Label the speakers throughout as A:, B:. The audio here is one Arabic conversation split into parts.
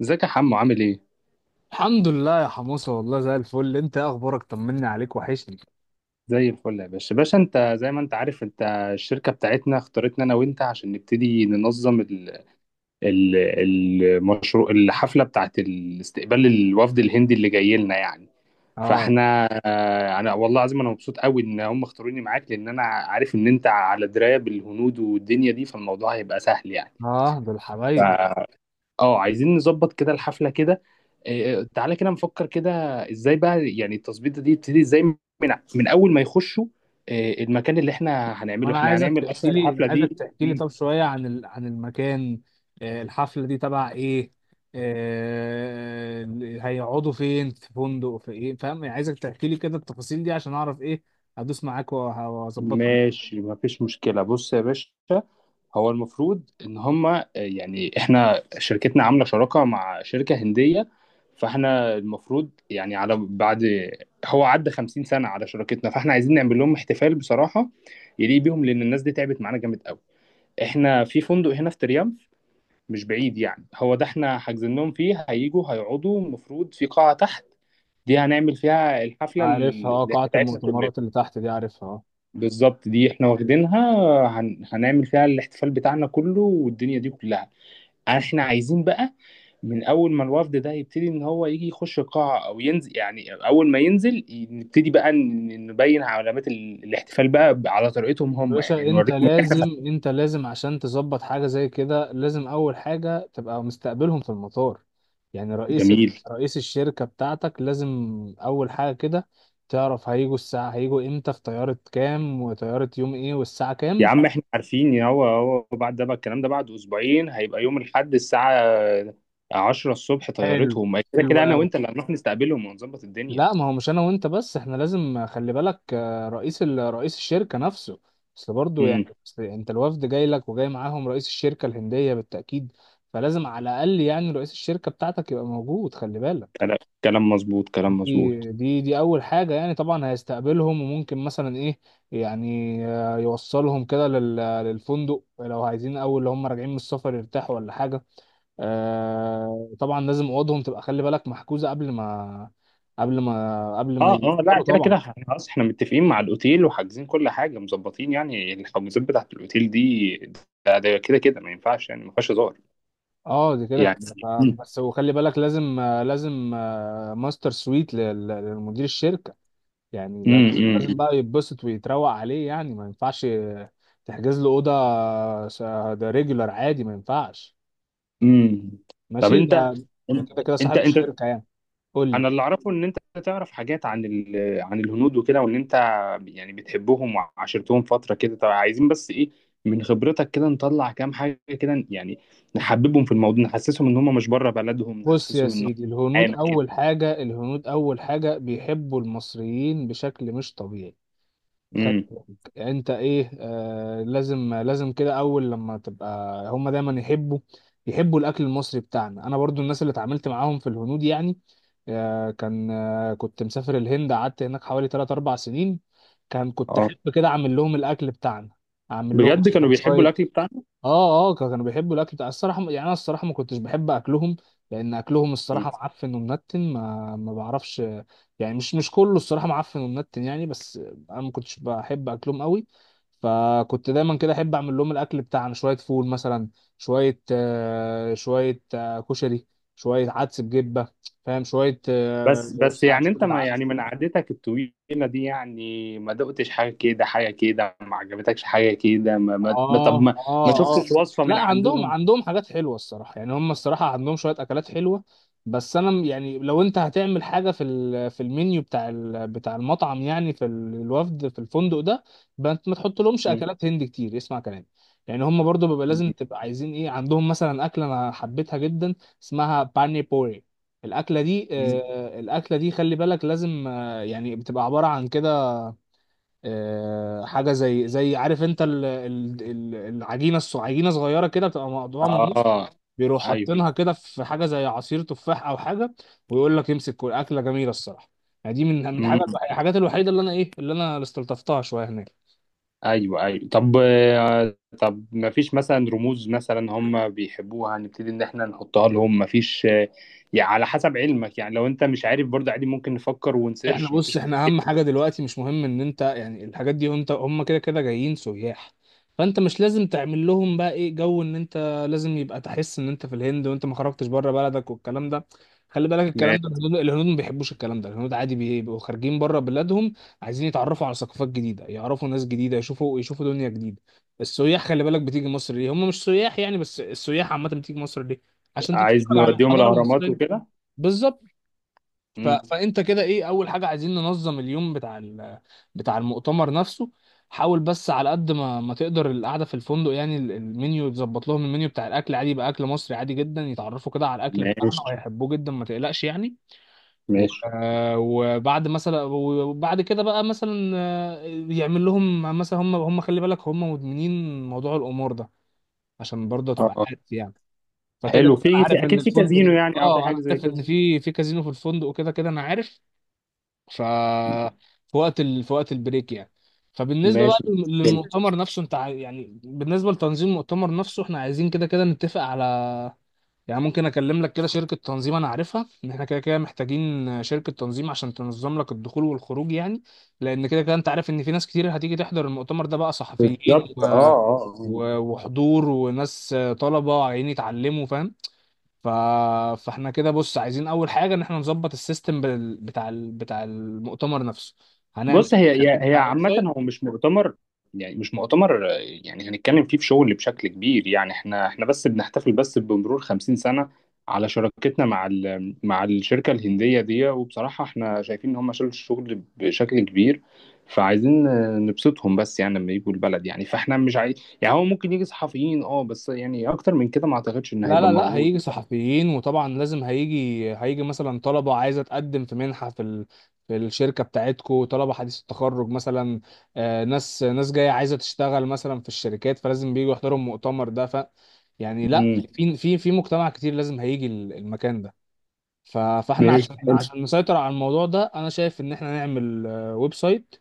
A: ازيك يا حمو عامل ايه؟
B: الحمد لله يا حموسة، والله زي الفل. انت ايه اخبارك؟ طمني عليك، وحشني.
A: زي الفل يا باشا باشا. انت زي ما انت عارف، انت الشركة بتاعتنا اختارتنا انا وانت عشان نبتدي ننظم ال- المشروع، الحفلة بتاعت الاستقبال الوفد الهندي اللي جاي لنا يعني.
B: اه
A: فاحنا انا والله العظيم انا مبسوط قوي ان هم اختاروني معاك، لان انا عارف ان انت على دراية بالهنود والدنيا دي، فالموضوع هيبقى سهل يعني.
B: اه، دول حبايبي.
A: اه، عايزين نظبط كده الحفلة كده. تعالى كده نفكر كده. ازاي بقى يعني التظبيطة دي تبتدي ازاي، من اول ما يخشوا. المكان اللي احنا هنعمله،
B: وانا
A: احنا
B: عايزك
A: هنعمل اصلا
B: تحكي لي انا
A: الحفلة
B: عايزك
A: دي
B: تحكي لي طب شوية عن عن المكان. آه، الحفلة دي تبع ايه؟ آه، هيقعدوا فين؟ في فندق في ايه؟ فاهم يعني، عايزك تحكي لي كده التفاصيل دي عشان اعرف ايه. هدوس معاك وهظبطك.
A: ماشي، مفيش مشكلة، بص يا باشا. هو المفروض ان هما يعني احنا شركتنا عاملة شراكة مع شركة هندية، فاحنا المفروض يعني على بعد. هو عدى 50 سنة على شراكتنا، فاحنا عايزين نعمل لهم احتفال بصراحة يليق بيهم، لان الناس دي تعبت معانا جامد قوي. احنا في فندق هنا في تريمف، مش بعيد يعني، هو ده احنا حاجزين لهم فيه. هيجوا هيقعدوا المفروض في قاعة تحت، دي هنعمل فيها الحفلة
B: عارفها، اه
A: اللي
B: قاعة
A: بتاعتنا كلنا.
B: المؤتمرات اللي تحت دي عارفها.
A: بالظبط، دي احنا
B: اه.
A: واخدينها. هنعمل فيها الاحتفال بتاعنا كله والدنيا دي كلها. احنا عايزين بقى، من اول ما الوفد ده يبتدي ان هو يجي يخش القاعه او ينزل، يعني اول ما ينزل نبتدي بقى نبين علامات الاحتفال بقى على طريقتهم
B: يا
A: هم، يعني
B: باشا انت
A: نوريهم إن
B: لازم،
A: إحنا-.
B: انت لازم عشان تظبط حاجه زي كده لازم اول حاجه تبقى مستقبلهم في المطار، يعني
A: جميل.
B: رئيس الشركه بتاعتك لازم، اول حاجه كده تعرف هيجوا الساعه، هيجوا امتى؟ في طياره كام؟ وطياره يوم ايه والساعه
A: يا
B: كام؟
A: عم احنا عارفين، يا هو بعد ده بقى الكلام ده بعد اسبوعين، هيبقى يوم الاحد الساعة 10 الصبح
B: حلو،
A: طيارتهم، كده
B: حلو
A: كده انا
B: قوي.
A: وانت اللي هنروح نستقبلهم ونظبط الدنيا.
B: لا ما هو مش انا وانت بس، احنا لازم خلي بالك، رئيس رئيس الشركة نفسه. اصل برضه
A: امم.
B: يعني، أصل انت الوفد جاي لك وجاي معاهم رئيس الشركة الهندية بالتأكيد، فلازم على الاقل يعني رئيس الشركة بتاعتك يبقى موجود، خلي بالك.
A: كلام، كلام مظبوط، كلام
B: دي
A: مظبوط.
B: دي دي اول حاجة. يعني طبعا هيستقبلهم، وممكن مثلا ايه يعني، يوصلهم كده للفندق لو عايزين، اول لو هم راجعين من السفر يرتاحوا ولا حاجة. آه، طبعا لازم اوضهم تبقى خلي بالك محجوزه قبل ما، قبل ما
A: اه، اه، لا
B: يفطروا
A: كده كده
B: طبعا.
A: احنا خلاص، احنا متفقين مع الاوتيل وحاجزين كل حاجة، مظبطين يعني الحجوزات بتاعت الاوتيل دي. ده كده كده ما ينفعش يعني، ما فيهاش هزار
B: اه، دي كده
A: يعني.
B: كده
A: امم،
B: بس، وخلي بالك لازم لازم ماستر سويت لمدير الشركه يعني، ده لازم
A: امم،
B: بقى يتبسط ويتروق عليه، يعني ما ينفعش تحجز له اوضه، س- ده ريجولار عادي، ما ينفعش.
A: امم. طب
B: ماشي
A: انت
B: ده. ده كده كده
A: انت
B: صاحب
A: انت
B: الشركه يعني. قول
A: انا
B: لي.
A: اللي اعرفه ان انت تعرف حاجات عن عن الهنود وكده، وان انت يعني بتحبهم وعاشرتهم فتره كده. طب عايزين بس ايه من خبرتك كده، نطلع كام حاجه كده يعني، نحببهم في الموضوع، نحسسهم ان هم مش بره بلدهم،
B: بص يا
A: نحسسهم ان هم
B: سيدي، الهنود
A: معانا كده.
B: أول حاجة، الهنود أول حاجة بيحبوا المصريين بشكل مش طبيعي. خلي
A: امم.
B: بالك أنت، إيه آه، لازم كده، أول لما تبقى، هما دايما يحبوا، يحبوا الأكل المصري بتاعنا. أنا برضو الناس اللي اتعاملت معاهم في الهنود يعني، آه كان آه كنت مسافر الهند، قعدت هناك حوالي 3 4 سنين. كان كنت
A: اه،
B: أحب كده أعمل لهم الأكل بتاعنا، أعمل لهم
A: بجد
B: مثلا
A: كانوا بيحبوا الاكل
B: شوية.
A: بتاعنا؟
B: اه، كانوا بيحبوا الاكل بتاع الصراحه يعني. انا الصراحه ما كنتش بحب اكلهم، لان اكلهم
A: مم.
B: الصراحه معفن ومنتن، ما بعرفش يعني، مش كله الصراحه معفن ومنتن يعني، بس انا ما كنتش بحب اكلهم قوي. فكنت دايما كده احب اعمل لهم الاكل بتاعنا، شويه فول مثلا، شويه شويه كشري، شويه عدس بجبه، فاهم، شويه
A: بس بس يعني انت
B: شوربه
A: ما يعني
B: عدس.
A: من قعدتك الطويله دي، يعني ما دقتش حاجه كده، حاجه كده ما عجبتكش؟ حاجه كده، طب
B: اه
A: ما، ما
B: اه،
A: شفتش وصفه من
B: لا عندهم،
A: عندهم؟
B: عندهم حاجات حلوه الصراحه يعني، هم الصراحه عندهم شويه اكلات حلوه، بس انا يعني لو انت هتعمل حاجه في في المنيو بتاع بتاع المطعم يعني في الوفد في الفندق ده، يبقى انت ما تحط لهمش اكلات هند كتير، اسمع كلامي. يعني هم برضو بيبقى لازم تبقى عايزين ايه، عندهم مثلا اكله انا حبيتها جدا، اسمها باني بوري. الاكله دي
A: مم.
B: الاكله دي خلي بالك لازم يعني بتبقى عباره عن كده، حاجه زي عارف انت، العجينه عجينه صغيره كده، بتبقى مقطوعه من النص،
A: اه.
B: بيروح
A: ايوه.
B: حاطينها كده في حاجه زي عصير تفاح او حاجه، ويقول لك امسك. كل اكله جميله الصراحه يعني، دي من من حاجه
A: امم.
B: الحاجات الوحيده اللي انا ايه، اللي انا استلطفتها شويه هناك.
A: ايوه، ايوه، طب. طب ما فيش مثلا رموز مثلا هم بيحبوها نبتدي ان احنا نحطها لهم؟ ما فيش يعني على حسب علمك يعني، لو انت مش عارف برضه عادي، ممكن نفكر
B: احنا
A: ونسيرش؟ ما
B: بص،
A: فيش
B: احنا اهم حاجه دلوقتي مش مهم ان انت يعني الحاجات دي، انت هم كده كده جايين سياح، فانت مش لازم تعمل لهم بقى ايه، جو ان انت لازم يبقى تحس ان انت في الهند وانت ما خرجتش بره بلدك والكلام ده. خلي بالك الكلام
A: ما-
B: ده، الهنود ما بيحبوش الكلام ده، الهنود عادي بيبقوا خارجين بره بلادهم، عايزين يتعرفوا على ثقافات جديده، يعرفوا ناس جديده، يشوفوا دنيا جديده. السياح خلي بالك بتيجي مصر ليه؟ هم مش سياح يعني بس، السياح عامه بتيجي مصر ليه؟ عشان تتفرج
A: عايز
B: على
A: نوديهم
B: الحضاره
A: الاهرامات
B: المصريه.
A: وكده.
B: بالظبط. ف...
A: امم.
B: فانت كده ايه، اول حاجه عايزين ننظم اليوم بتاع المؤتمر نفسه. حاول بس على قد ما ما تقدر القعده في الفندق يعني، المنيو تظبط لهم، المنيو بتاع الاكل عادي يبقى اكل مصري عادي جدا، يتعرفوا كده على الاكل بتاعنا
A: ماشي،
B: وهيحبوه جدا ما تقلقش يعني. و...
A: ماشي.
B: آه، وبعد مثلا، وبعد كده بقى مثلا يعمل لهم مثلا، هم خلي بالك هم مدمنين موضوع الامور ده، عشان برضه
A: اه،
B: تبقى
A: آه.
B: عارف يعني. فكده
A: حلو،
B: كده
A: في
B: انا
A: في
B: عارف ان
A: اكيد في
B: الفندق،
A: كازينو يعني او في
B: اه
A: حاجه
B: انا
A: زي
B: عارف
A: كده.
B: ان في كازينو في الفندق، وكده كده انا عارف، ف في وقت في وقت البريك يعني. فبالنسبه بقى
A: ماشي.
B: للمؤتمر نفسه، يعني بالنسبه لتنظيم المؤتمر نفسه، احنا عايزين كده كده نتفق على، يعني ممكن اكلم لك كده شركه تنظيم انا عارفها ان احنا كده كده محتاجين شركه تنظيم عشان تنظم لك الدخول والخروج يعني، لان كده كده انت عارف ان في ناس كتير هتيجي تحضر المؤتمر ده بقى، صحفيين
A: بالظبط، اه، اه، آه.
B: وحضور وناس طلبه عايزين يتعلموا، فاهم. ف... فاحنا كده بص عايزين اول حاجه ان احنا نظبط السيستم بتاع المؤتمر نفسه، هنعمل
A: بص،
B: ايه
A: هي
B: بتاع الويب
A: عامة
B: سايت.
A: هو مش مؤتمر يعني، مش مؤتمر يعني هنتكلم فيه في شغل بشكل كبير يعني. احنا بس بنحتفل بس بمرور 50 سنة على شراكتنا مع مع الشركة الهندية دي، وبصراحة احنا شايفين ان هم شالوا الشغل بشكل كبير. فعايزين نبسطهم بس يعني لما يجوا البلد يعني. فاحنا مش عايز يعني، هو ممكن يجي صحفيين اه، بس يعني اكتر من كده ما اعتقدش ان
B: لا
A: هيبقى
B: لا لا
A: موجود.
B: هيجي صحفيين وطبعا لازم، هيجي مثلا طلبه عايزه تقدم في منحه في في الشركه بتاعتكو، طلبه حديث التخرج مثلا، ناس، ناس جايه عايزه تشتغل مثلا في الشركات، فلازم بييجوا يحضروا المؤتمر ده. ف يعني لا،
A: امم.
B: في مجتمع كتير لازم هيجي المكان ده. ف- فاحنا
A: باذن
B: عشان
A: الله.
B: عشان نسيطر على الموضوع ده انا شايف ان احنا نعمل ويب سايت،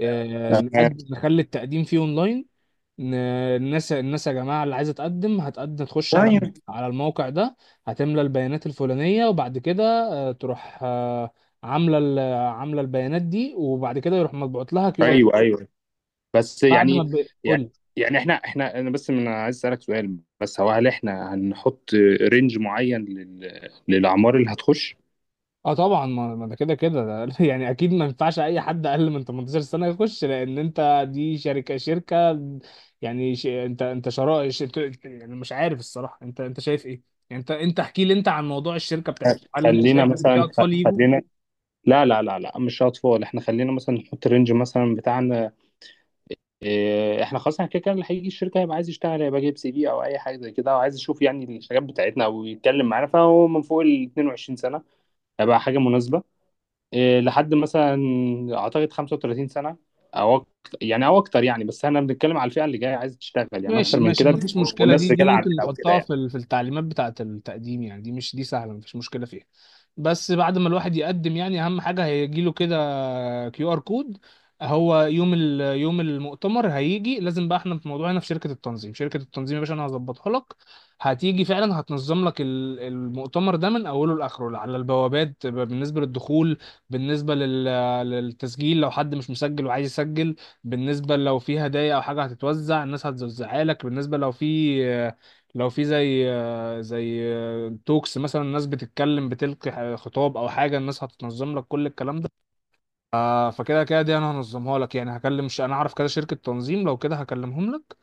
B: نقدم نخلي التقديم فيه اونلاين. ن- الناس، الناس يا جماعه اللي عايزه تقدم هتقدم تخش على على الموقع ده، هتملى البيانات الفلانيه وبعد كده تروح عامله عامله البيانات دي، وبعد كده يروح مطبوعت لها كيو ار.
A: ايوه، ايوه، بس
B: بعد
A: يعني
B: ما
A: يعني
B: تقول،
A: يعني احنا انا بس من عايز اسالك سؤال، بس هو هل احنا هنحط رينج معين للاعمار اللي هتخش؟
B: اه طبعا، ما ما ده كده كده يعني اكيد ما ينفعش اي حد اقل من 18 سنه يخش، لان انت دي شركه، شركه يعني ش... انت انت شرائع ش... انت... انت- يعني مش عارف الصراحه انت انت شايف ايه، يعني انت احكي لي انت عن موضوع الشركه بتاعتكم، هل انت
A: خلينا
B: شايف ان في
A: مثلا،
B: اطفال؟
A: خلينا، لا، لا، لا، لا، مش اطفال احنا، خلينا مثلا نحط رينج مثلا بتاعنا. اه، احنا خلاص احنا كده كده اللي هيجي الشركه هيبقى عايز يشتغل، هيبقى جايب سي في او اي حاجه زي كده، او عايز يشوف يعني الحاجات بتاعتنا او يتكلم معانا، فهو من فوق ال 22 سنه هيبقى حاجه مناسبه، إيه، لحد مثلا اعتقد 35 سنه او اكتر يعني، او اكتر يعني. بس احنا بنتكلم على الفئه اللي جايه عايزه تشتغل يعني، اكتر
B: ماشي
A: من
B: ماشي
A: كده
B: مفيش مشكلة.
A: والناس
B: دي
A: رجاله
B: ممكن
A: عامله او كده
B: نحطها
A: يعني.
B: في في التعليمات بتاعة التقديم يعني، دي مش دي سهلة مفيش مشكلة فيها. بس بعد ما الواحد يقدم يعني أهم حاجة هيجيله كده كيو آر كود، هو يوم ال يوم المؤتمر هيجي لازم بقى احنا في موضوعنا هنا في شركة التنظيم، شركة التنظيم يا باشا أنا هظبطها لك. هتيجي فعلا هتنظم لك المؤتمر ده من أوله لآخره، على البوابات بالنسبة للدخول، بالنسبة للتسجيل لو حد مش مسجل وعايز يسجل، بالنسبة لو في هدايا أو حاجة هتتوزع الناس هتوزعها لك، بالنسبة لو في، لو في زي زي توكس مثلا الناس بتتكلم بتلقي خطاب أو حاجة، الناس هتنظم لك كل الكلام ده. فكده كده دي أنا هنظمها لك يعني، هكلم أنا أعرف كده شركة تنظيم، لو كده هكلمهم لك،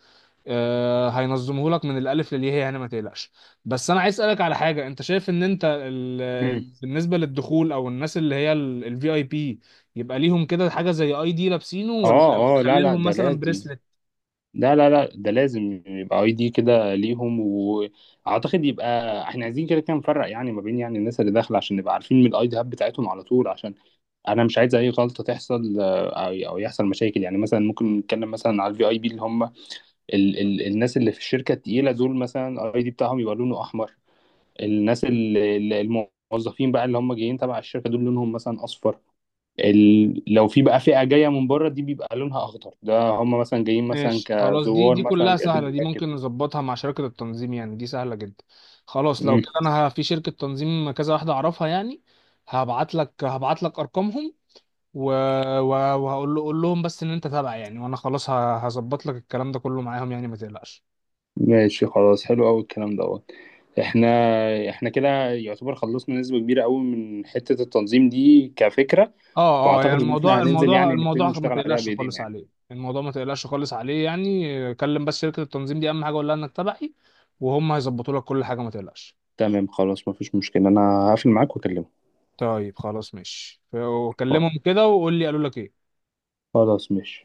B: هينظمه لك من الالف للياء يعني ما تقلقش. بس انا عايز اسالك على حاجه، انت شايف ان انت
A: مم.
B: بالنسبه للدخول او الناس اللي هي الفي اي بي، يبقى ليهم كده حاجه زي اي دي لابسينه، ولا
A: اه، اه، لا،
B: نخلي
A: لا،
B: لهم
A: ده
B: مثلا
A: لازم،
B: بريسلت؟
A: لا، لا، لا، ده لازم يبقى اي دي كده ليهم. واعتقد يبقى احنا عايزين كده كده نفرق يعني ما بين يعني الناس اللي داخله، عشان نبقى عارفين من الاي دي هاب بتاعتهم على طول، عشان انا مش عايز اي غلطه تحصل او يحصل مشاكل يعني. مثلا ممكن نتكلم مثلا على الفي اي بي، اللي هم ال ال الناس اللي في الشركة التقيلة دول، مثلا الاي دي بتاعهم يبقى لونه احمر. الناس الموظفين بقى اللي هم جايين تبع الشركة دول لونهم مثلا اصفر. لو في بقى فئة جاية من بره دي بيبقى لونها اخضر، ده هم مثلا جايين مثلا
B: ماشي، دي
A: كزوار
B: دي
A: مثلا
B: كلها سهله،
A: بيقدموا
B: دي
A: تأكد.
B: ممكن نظبطها مع شركه التنظيم يعني، دي سهله جدا. خلاص لو كده انا في شركه تنظيم كذا واحده اعرفها يعني، هبعت لك ارقامهم و... و... وهقول له، قول لهم بس ان انت تابع يعني، وانا خلاص هظبط لك الكلام ده كله معاهم يعني ما تقلقش.
A: ماشي، خلاص، حلو قوي الكلام دوت. احنا كده يعتبر خلصنا نسبة كبيرة قوي من حتة التنظيم دي كفكرة.
B: اه، يعني
A: واعتقد ان احنا هننزل يعني نبتدي
B: الموضوع ما
A: نشتغل عليها
B: تقلقش
A: بايدينا
B: خالص
A: يعني.
B: عليه، الموضوع ما تقلقش خالص عليه، يعني كلم بس شركة التنظيم دي اهم حاجة، قول لها انك تبعي وهم هيظبطوا لك كل حاجة ما تقلقش.
A: تمام، خلاص، مفيش مشكلة، انا هقفل معاك واكلمك.
B: طيب خلاص ماشي، وكلمهم كده وقول لي قالوا لك ايه.
A: خلاص، ماشي.